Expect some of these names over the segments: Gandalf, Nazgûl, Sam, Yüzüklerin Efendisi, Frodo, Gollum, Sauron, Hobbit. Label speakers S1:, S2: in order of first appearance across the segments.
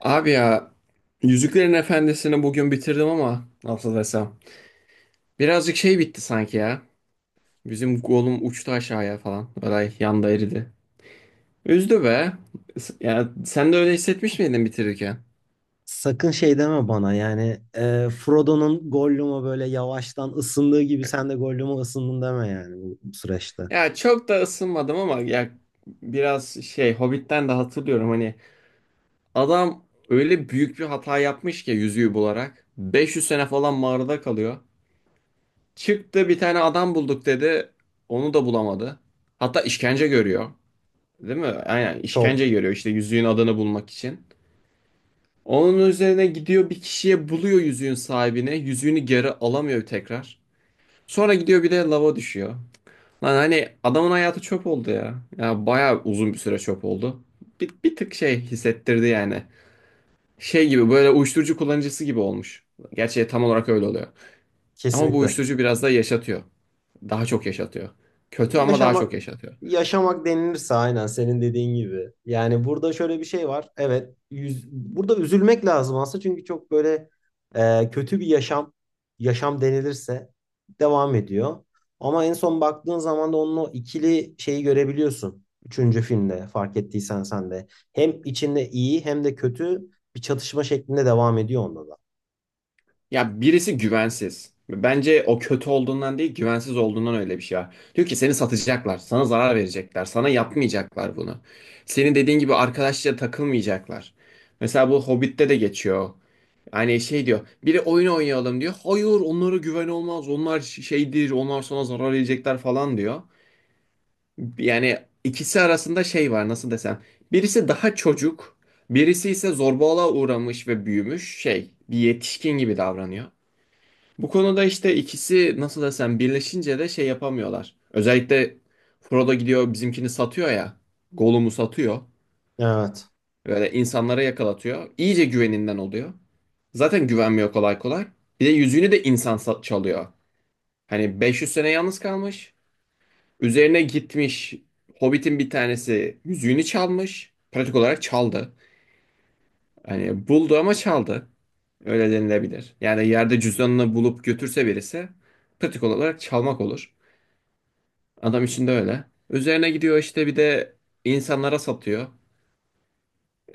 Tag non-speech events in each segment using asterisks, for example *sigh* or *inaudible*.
S1: Abi ya Yüzüklerin Efendisi'ni bugün bitirdim ama nasıl desem. Birazcık şey bitti sanki ya. Bizim golüm uçtu aşağıya falan. Olay yanda eridi. Üzdü be. Ya sen de öyle hissetmiş miydin bitirirken?
S2: Sakın şey deme bana yani Frodo'nun Gollum'a böyle yavaştan ısındığı gibi sen de Gollum'a ısındın deme yani bu süreçte.
S1: Ya çok da ısınmadım ama ya biraz şey Hobbit'ten de hatırlıyorum hani adam öyle büyük bir hata yapmış ki yüzüğü bularak. 500 sene falan mağarada kalıyor. Çıktı bir tane adam bulduk dedi. Onu da bulamadı. Hatta işkence görüyor. Değil mi? Aynen işkence
S2: Çok.
S1: görüyor işte yüzüğün adını bulmak için. Onun üzerine gidiyor bir kişiye buluyor yüzüğün sahibine. Yüzüğünü geri alamıyor tekrar. Sonra gidiyor bir de lava düşüyor. Lan hani adamın hayatı çöp oldu ya. Ya bayağı uzun bir süre çöp oldu. Bir tık şey hissettirdi yani. Şey gibi böyle uyuşturucu kullanıcısı gibi olmuş. Gerçi tam olarak öyle oluyor. Ama bu
S2: Kesinlikle.
S1: uyuşturucu biraz da yaşatıyor. Daha çok yaşatıyor. Kötü ama daha çok
S2: Yaşamak
S1: yaşatıyor.
S2: yaşamak denilirse aynen senin dediğin gibi. Yani burada şöyle bir şey var. Evet, yüz, burada üzülmek lazım aslında çünkü çok böyle kötü bir yaşam denilirse devam ediyor. Ama en son baktığın zaman da onun o ikili şeyi görebiliyorsun. Üçüncü filmde fark ettiysen sen de. Hem içinde iyi hem de kötü bir çatışma şeklinde devam ediyor onda da.
S1: Ya birisi güvensiz. Bence o kötü olduğundan değil, güvensiz olduğundan öyle bir şey var. Diyor ki seni satacaklar, sana zarar verecekler, sana yapmayacaklar bunu. Senin dediğin gibi arkadaşça takılmayacaklar. Mesela bu Hobbit'te de geçiyor. Hani şey diyor, biri oyun oynayalım diyor. Hayır, onlara güven olmaz, onlar şeydir, onlar sana zarar verecekler falan diyor. Yani ikisi arasında şey var, nasıl desem. Birisi daha çocuk, birisi ise zorbalığa uğramış ve büyümüş şey, bir yetişkin gibi davranıyor. Bu konuda işte ikisi nasıl desem birleşince de şey yapamıyorlar. Özellikle Frodo gidiyor bizimkini satıyor ya. Gollum'u satıyor.
S2: Evet.
S1: Böyle insanlara yakalatıyor. İyice güveninden oluyor. Zaten güvenmiyor kolay kolay. Bir de yüzüğünü de insan çalıyor. Hani 500 sene yalnız kalmış. Üzerine gitmiş Hobbit'in bir tanesi yüzüğünü çalmış. Pratik olarak çaldı. Hani buldu ama çaldı. Öyle denilebilir. Yani yerde cüzdanını bulup götürse birisi pratik olarak çalmak olur. Adam içinde öyle. Üzerine gidiyor işte bir de insanlara satıyor.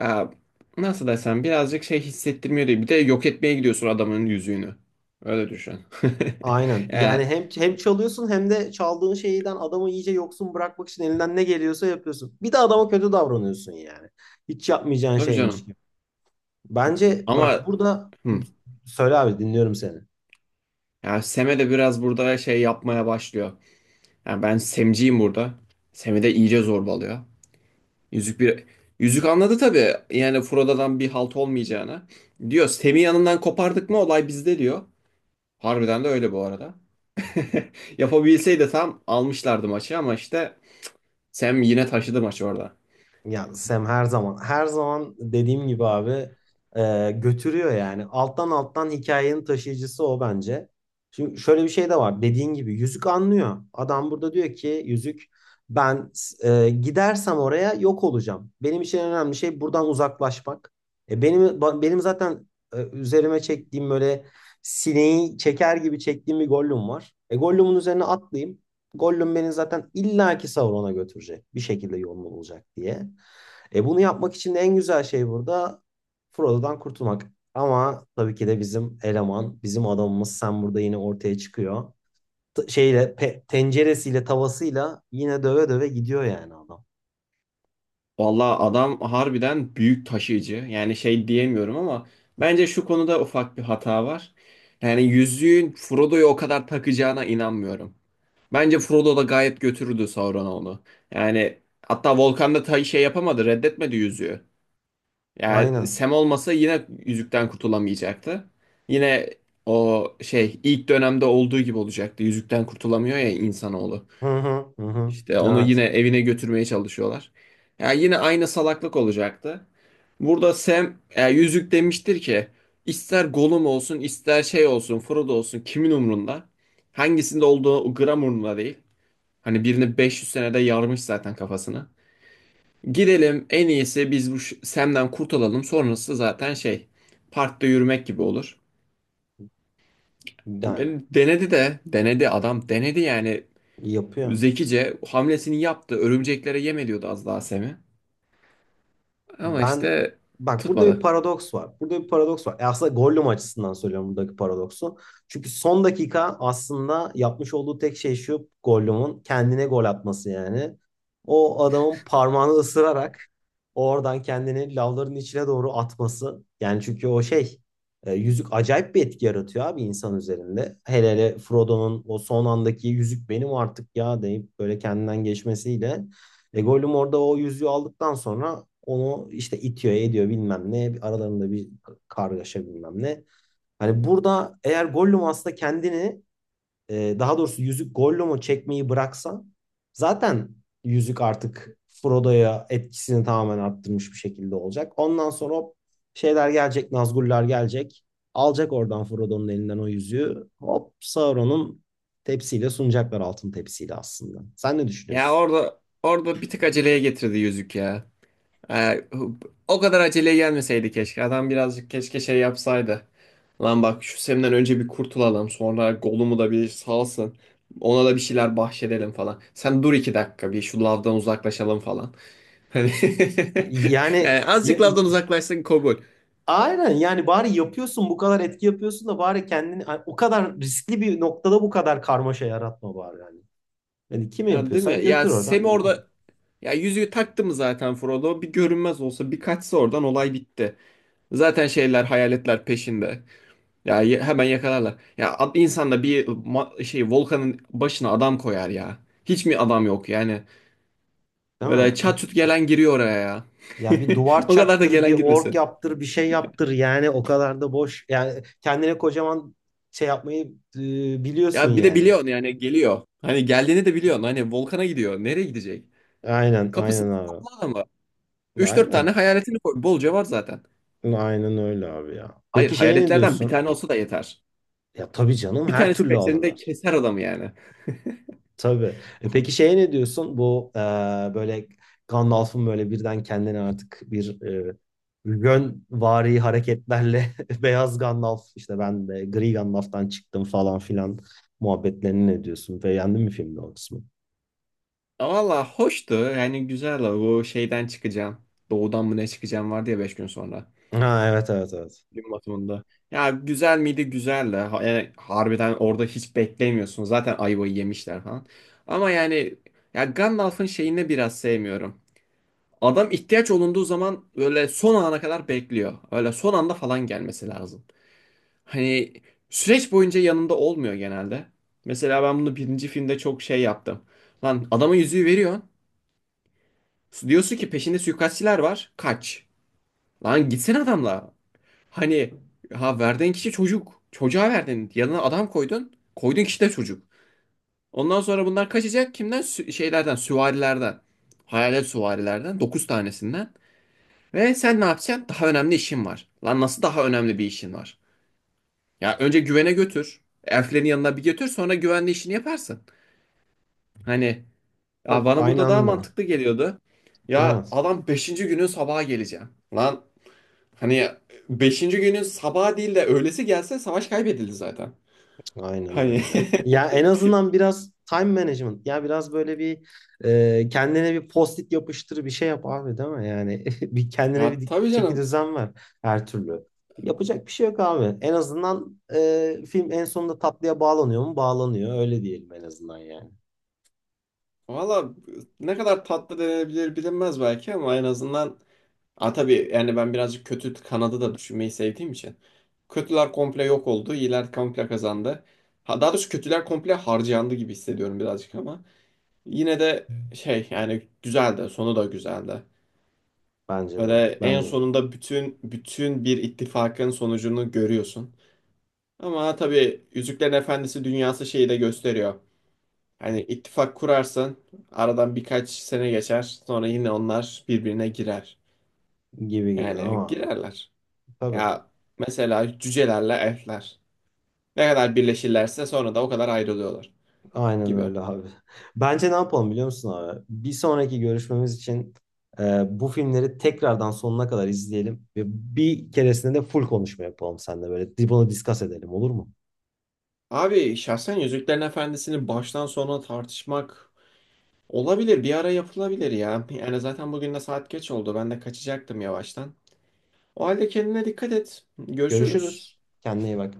S1: Ya, nasıl desem birazcık şey hissettirmiyor değil. Bir de yok etmeye gidiyorsun adamın yüzüğünü. Öyle düşün. *laughs*
S2: Aynen. Yani
S1: Ya,
S2: hem çalıyorsun hem de çaldığın şeyden adamı iyice yoksun bırakmak için elinden ne geliyorsa yapıyorsun. Bir de adama kötü davranıyorsun yani. Hiç yapmayacağın
S1: tabii
S2: şeymiş
S1: canım.
S2: gibi. Bence bak
S1: Ama
S2: burada
S1: hı,
S2: söyle abi dinliyorum seni.
S1: ya Sem'e de biraz burada şey yapmaya başlıyor. Ya ben Sem'ciyim burada. Sem'i de iyice zorbalıyor. Yüzük bir Yüzük anladı tabii. Yani Frodo'dan bir halt olmayacağını. Diyor Sem'i yanından kopardık mı olay bizde diyor. Harbiden de öyle bu arada. *laughs* Yapabilseydi tam almışlardı maçı ama işte Sam yine taşıdı maçı orada.
S2: Ya Sam her zaman her zaman dediğim gibi abi, götürüyor yani. Alttan alttan hikayenin taşıyıcısı o bence. Şimdi şöyle bir şey de var. Dediğin gibi yüzük anlıyor. Adam burada diyor ki yüzük ben gidersem oraya yok olacağım. Benim için en önemli şey buradan uzaklaşmak. Benim zaten üzerime çektiğim böyle sineği çeker gibi çektiğim bir Gollum var. E Gollum'un üzerine atlayayım. Gollum beni zaten illaki Sauron'a götürecek. Bir şekilde yolunu bulacak diye. E bunu yapmak için de en güzel şey burada Frodo'dan kurtulmak. Ama tabii ki de bizim eleman, bizim adamımız Sam burada yine ortaya çıkıyor. Tenceresiyle, tavasıyla yine döve döve gidiyor yani adam.
S1: Vallahi adam harbiden büyük taşıyıcı. Yani şey diyemiyorum ama bence şu konuda ufak bir hata var. Yani yüzüğün Frodo'yu o kadar takacağına inanmıyorum. Bence Frodo da gayet götürürdü Sauron'a onu. Yani hatta Volkan da ta şey yapamadı, reddetmedi yüzüğü. Yani
S2: Aynen.
S1: Sam olmasa yine yüzükten kurtulamayacaktı. Yine o şey ilk dönemde olduğu gibi olacaktı. Yüzükten kurtulamıyor ya insanoğlu.
S2: Hı hı hı. hı.
S1: İşte onu yine
S2: Evet.
S1: evine götürmeye çalışıyorlar. Yani yine aynı salaklık olacaktı. Burada Sam yüzük demiştir ki ister Gollum olsun ister şey olsun Frodo olsun kimin umrunda? Hangisinde olduğu gram umrunda değil. Hani birini 500 senede yarmış zaten kafasını. Gidelim en iyisi biz bu Sam'den kurtulalım. Sonrası zaten şey parkta yürümek gibi olur.
S2: Yani
S1: Denedi de denedi adam denedi yani
S2: yapıyor.
S1: zekice hamlesini yaptı. Örümceklere yem ediyordu az daha Sam'i. Ama
S2: Ben
S1: işte
S2: bak burada bir
S1: tutmadı.
S2: paradoks var. Burada bir paradoks var. E aslında Gollum açısından söylüyorum buradaki paradoksu. Çünkü son dakika aslında yapmış olduğu tek şey şu Gollum'un kendine gol atması yani. O adamın parmağını ısırarak oradan kendini lavların içine doğru atması. Yani çünkü o yüzük acayip bir etki yaratıyor abi insan üzerinde. Hele hele Frodo'nun o son andaki yüzük benim artık ya deyip böyle kendinden geçmesiyle. E Gollum orada o yüzüğü aldıktan sonra onu işte itiyor, ediyor bilmem ne. Aralarında bir kargaşa bilmem ne. Hani burada eğer Gollum aslında kendini, daha doğrusu yüzük Gollum'u çekmeyi bıraksa zaten yüzük artık Frodo'ya etkisini tamamen arttırmış bir şekilde olacak. Ondan sonra hop şeyler gelecek, Nazgûl'lar gelecek. Alacak oradan Frodo'nun elinden o yüzüğü. Hop Sauron'un tepsiyle sunacaklar altın tepsiyle aslında. Sen ne
S1: Ya
S2: düşünüyorsun?
S1: orada bir tık aceleye getirdi yüzük ya. Ee, o kadar aceleye gelmeseydi keşke. Adam birazcık keşke şey yapsaydı. Lan bak şu Sem'den önce bir kurtulalım. Sonra Gollum'u da bir salsın. Ona da bir şeyler bahşedelim falan. Sen dur 2 dakika bir şu lavdan uzaklaşalım falan. Hani *laughs*
S2: Yani
S1: yani
S2: ya-
S1: azıcık lavdan uzaklaşsın kabul.
S2: aynen yani bari yapıyorsun bu kadar etki yapıyorsun da bari kendini hani, o kadar riskli bir noktada bu kadar karmaşa yaratma bari yani. Yani kimi
S1: Ya değil mi?
S2: yapıyorsan
S1: Ya
S2: götür
S1: Sem
S2: oradan devam et.
S1: orada ya yüzüğü taktı mı zaten Frodo? Bir görünmez olsa bir kaçsa oradan olay bitti. Zaten şeyler hayaletler peşinde. Ya hemen yakalarlar. Ya insan da bir şey volkanın başına adam koyar ya. Hiç mi adam yok yani?
S2: Değil
S1: Böyle
S2: mi?
S1: çat çut gelen giriyor oraya ya.
S2: Ya bir
S1: *laughs*
S2: duvar
S1: O kadar da
S2: çaktır, bir
S1: gelen
S2: ork
S1: girmesin.
S2: yaptır, bir şey yaptır. Yani o kadar da boş. Yani kendine kocaman şey yapmayı e, biliyorsun
S1: Ya bir de
S2: yani.
S1: biliyorsun yani geliyor. Hani geldiğini de biliyorsun. Hani volkana gidiyor. Nereye gidecek?
S2: Aynen,
S1: Kapısında
S2: aynen abi.
S1: toplu adamı. 3-4 tane
S2: Aynen.
S1: hayaletini koy. Bolca var zaten.
S2: Aynen öyle abi ya.
S1: Hayır
S2: Peki şey ne
S1: hayaletlerden bir
S2: diyorsun?
S1: tane olsa da yeter.
S2: Ya tabii canım
S1: Bir
S2: her
S1: tanesi
S2: türlü
S1: peşlerinde
S2: alırlar.
S1: keser adamı yani.
S2: Tabii. E peki
S1: Komik.
S2: şeye ne diyorsun? Bu böyle Gandalf'ın böyle birden kendini artık bir e, yönvari hareketlerle *laughs* beyaz Gandalf işte ben de gri Gandalf'tan çıktım falan filan muhabbetlerini ne diyorsun? Beğendin mi filmde o kısmı?
S1: Valla hoştu. Yani güzel. Bu şeyden çıkacağım. Doğudan mı ne çıkacağım vardı ya 5 gün sonra.
S2: Ha evet evet evet.
S1: Gün batımında. Ya güzel miydi? Güzeldi. Yani harbiden orada hiç beklemiyorsun. Zaten ayvayı yemişler falan. Ama yani ya Gandalf'ın şeyini biraz sevmiyorum. Adam ihtiyaç olunduğu zaman böyle son ana kadar bekliyor. Öyle son anda falan gelmesi lazım. Hani süreç boyunca yanında olmuyor genelde. Mesela ben bunu birinci filmde çok şey yaptım. Lan adama yüzüğü veriyorsun. Diyorsun ki peşinde suikastçiler var. Kaç. Lan gitsene adamla. Hani ha verdiğin kişi çocuk. Çocuğa verdin. Yanına adam koydun. Koyduğun kişi de çocuk. Ondan sonra bunlar kaçacak kimden? Şeylerden, süvarilerden. Hayalet süvarilerden, 9 tanesinden. Ve sen ne yapacaksın? Daha önemli işin var. Lan nasıl daha önemli bir işin var? Ya önce güvene götür. Elflerin yanına bir götür sonra güvenli işini yaparsın. Hani ya
S2: Çok
S1: bana
S2: aynı
S1: burada daha
S2: anda.
S1: mantıklı geliyordu. Ya
S2: Evet.
S1: adam beşinci günün sabaha geleceğim. Lan hani beşinci günün sabaha değil de öğlesi gelse savaş kaybedildi zaten.
S2: Aynen
S1: Hani
S2: öyle. Ya en azından biraz time management. Ya biraz böyle bir kendine bir post-it yapıştır bir şey yap abi değil mi? Yani *laughs* bir
S1: *laughs*
S2: kendine
S1: ya
S2: bir
S1: tabii
S2: çeki
S1: canım.
S2: düzen ver her türlü. Yapacak bir şey yok abi. En azından film en sonunda tatlıya bağlanıyor mu? Bağlanıyor. Öyle diyelim en azından yani.
S1: Valla ne kadar tatlı denebilir bilinmez belki ama en azından ha tabii yani ben birazcık kötü kanadı da düşünmeyi sevdiğim için. Kötüler komple yok oldu, iyiler komple kazandı. Ha, daha doğrusu kötüler komple harcandı gibi hissediyorum birazcık ama. Yine de şey yani güzeldi, sonu da güzeldi.
S2: Bence de.
S1: Öyle en
S2: Bence de.
S1: sonunda bütün bütün bir ittifakın sonucunu görüyorsun. Ama tabii Yüzüklerin Efendisi dünyası şeyi de gösteriyor. Hani ittifak kurarsan aradan birkaç sene geçer. Sonra yine onlar birbirine girer.
S2: Gibi gibi tamam
S1: Yani
S2: abi.
S1: girerler.
S2: Tabii.
S1: Ya mesela cücelerle elfler. Ne kadar birleşirlerse sonra da o kadar ayrılıyorlar
S2: Aynen
S1: gibi.
S2: öyle abi. Bence ne yapalım biliyor musun abi? Bir sonraki görüşmemiz için bu filmleri tekrardan sonuna kadar izleyelim ve bir keresinde de full konuşma yapalım seninle böyle. Bunu discuss edelim olur mu?
S1: Abi şahsen Yüzüklerin Efendisi'ni baştan sona tartışmak olabilir. Bir ara yapılabilir ya. Yani zaten bugün de saat geç oldu. Ben de kaçacaktım yavaştan. O halde kendine dikkat et. Görüşürüz.
S2: Görüşürüz. Kendine iyi bak.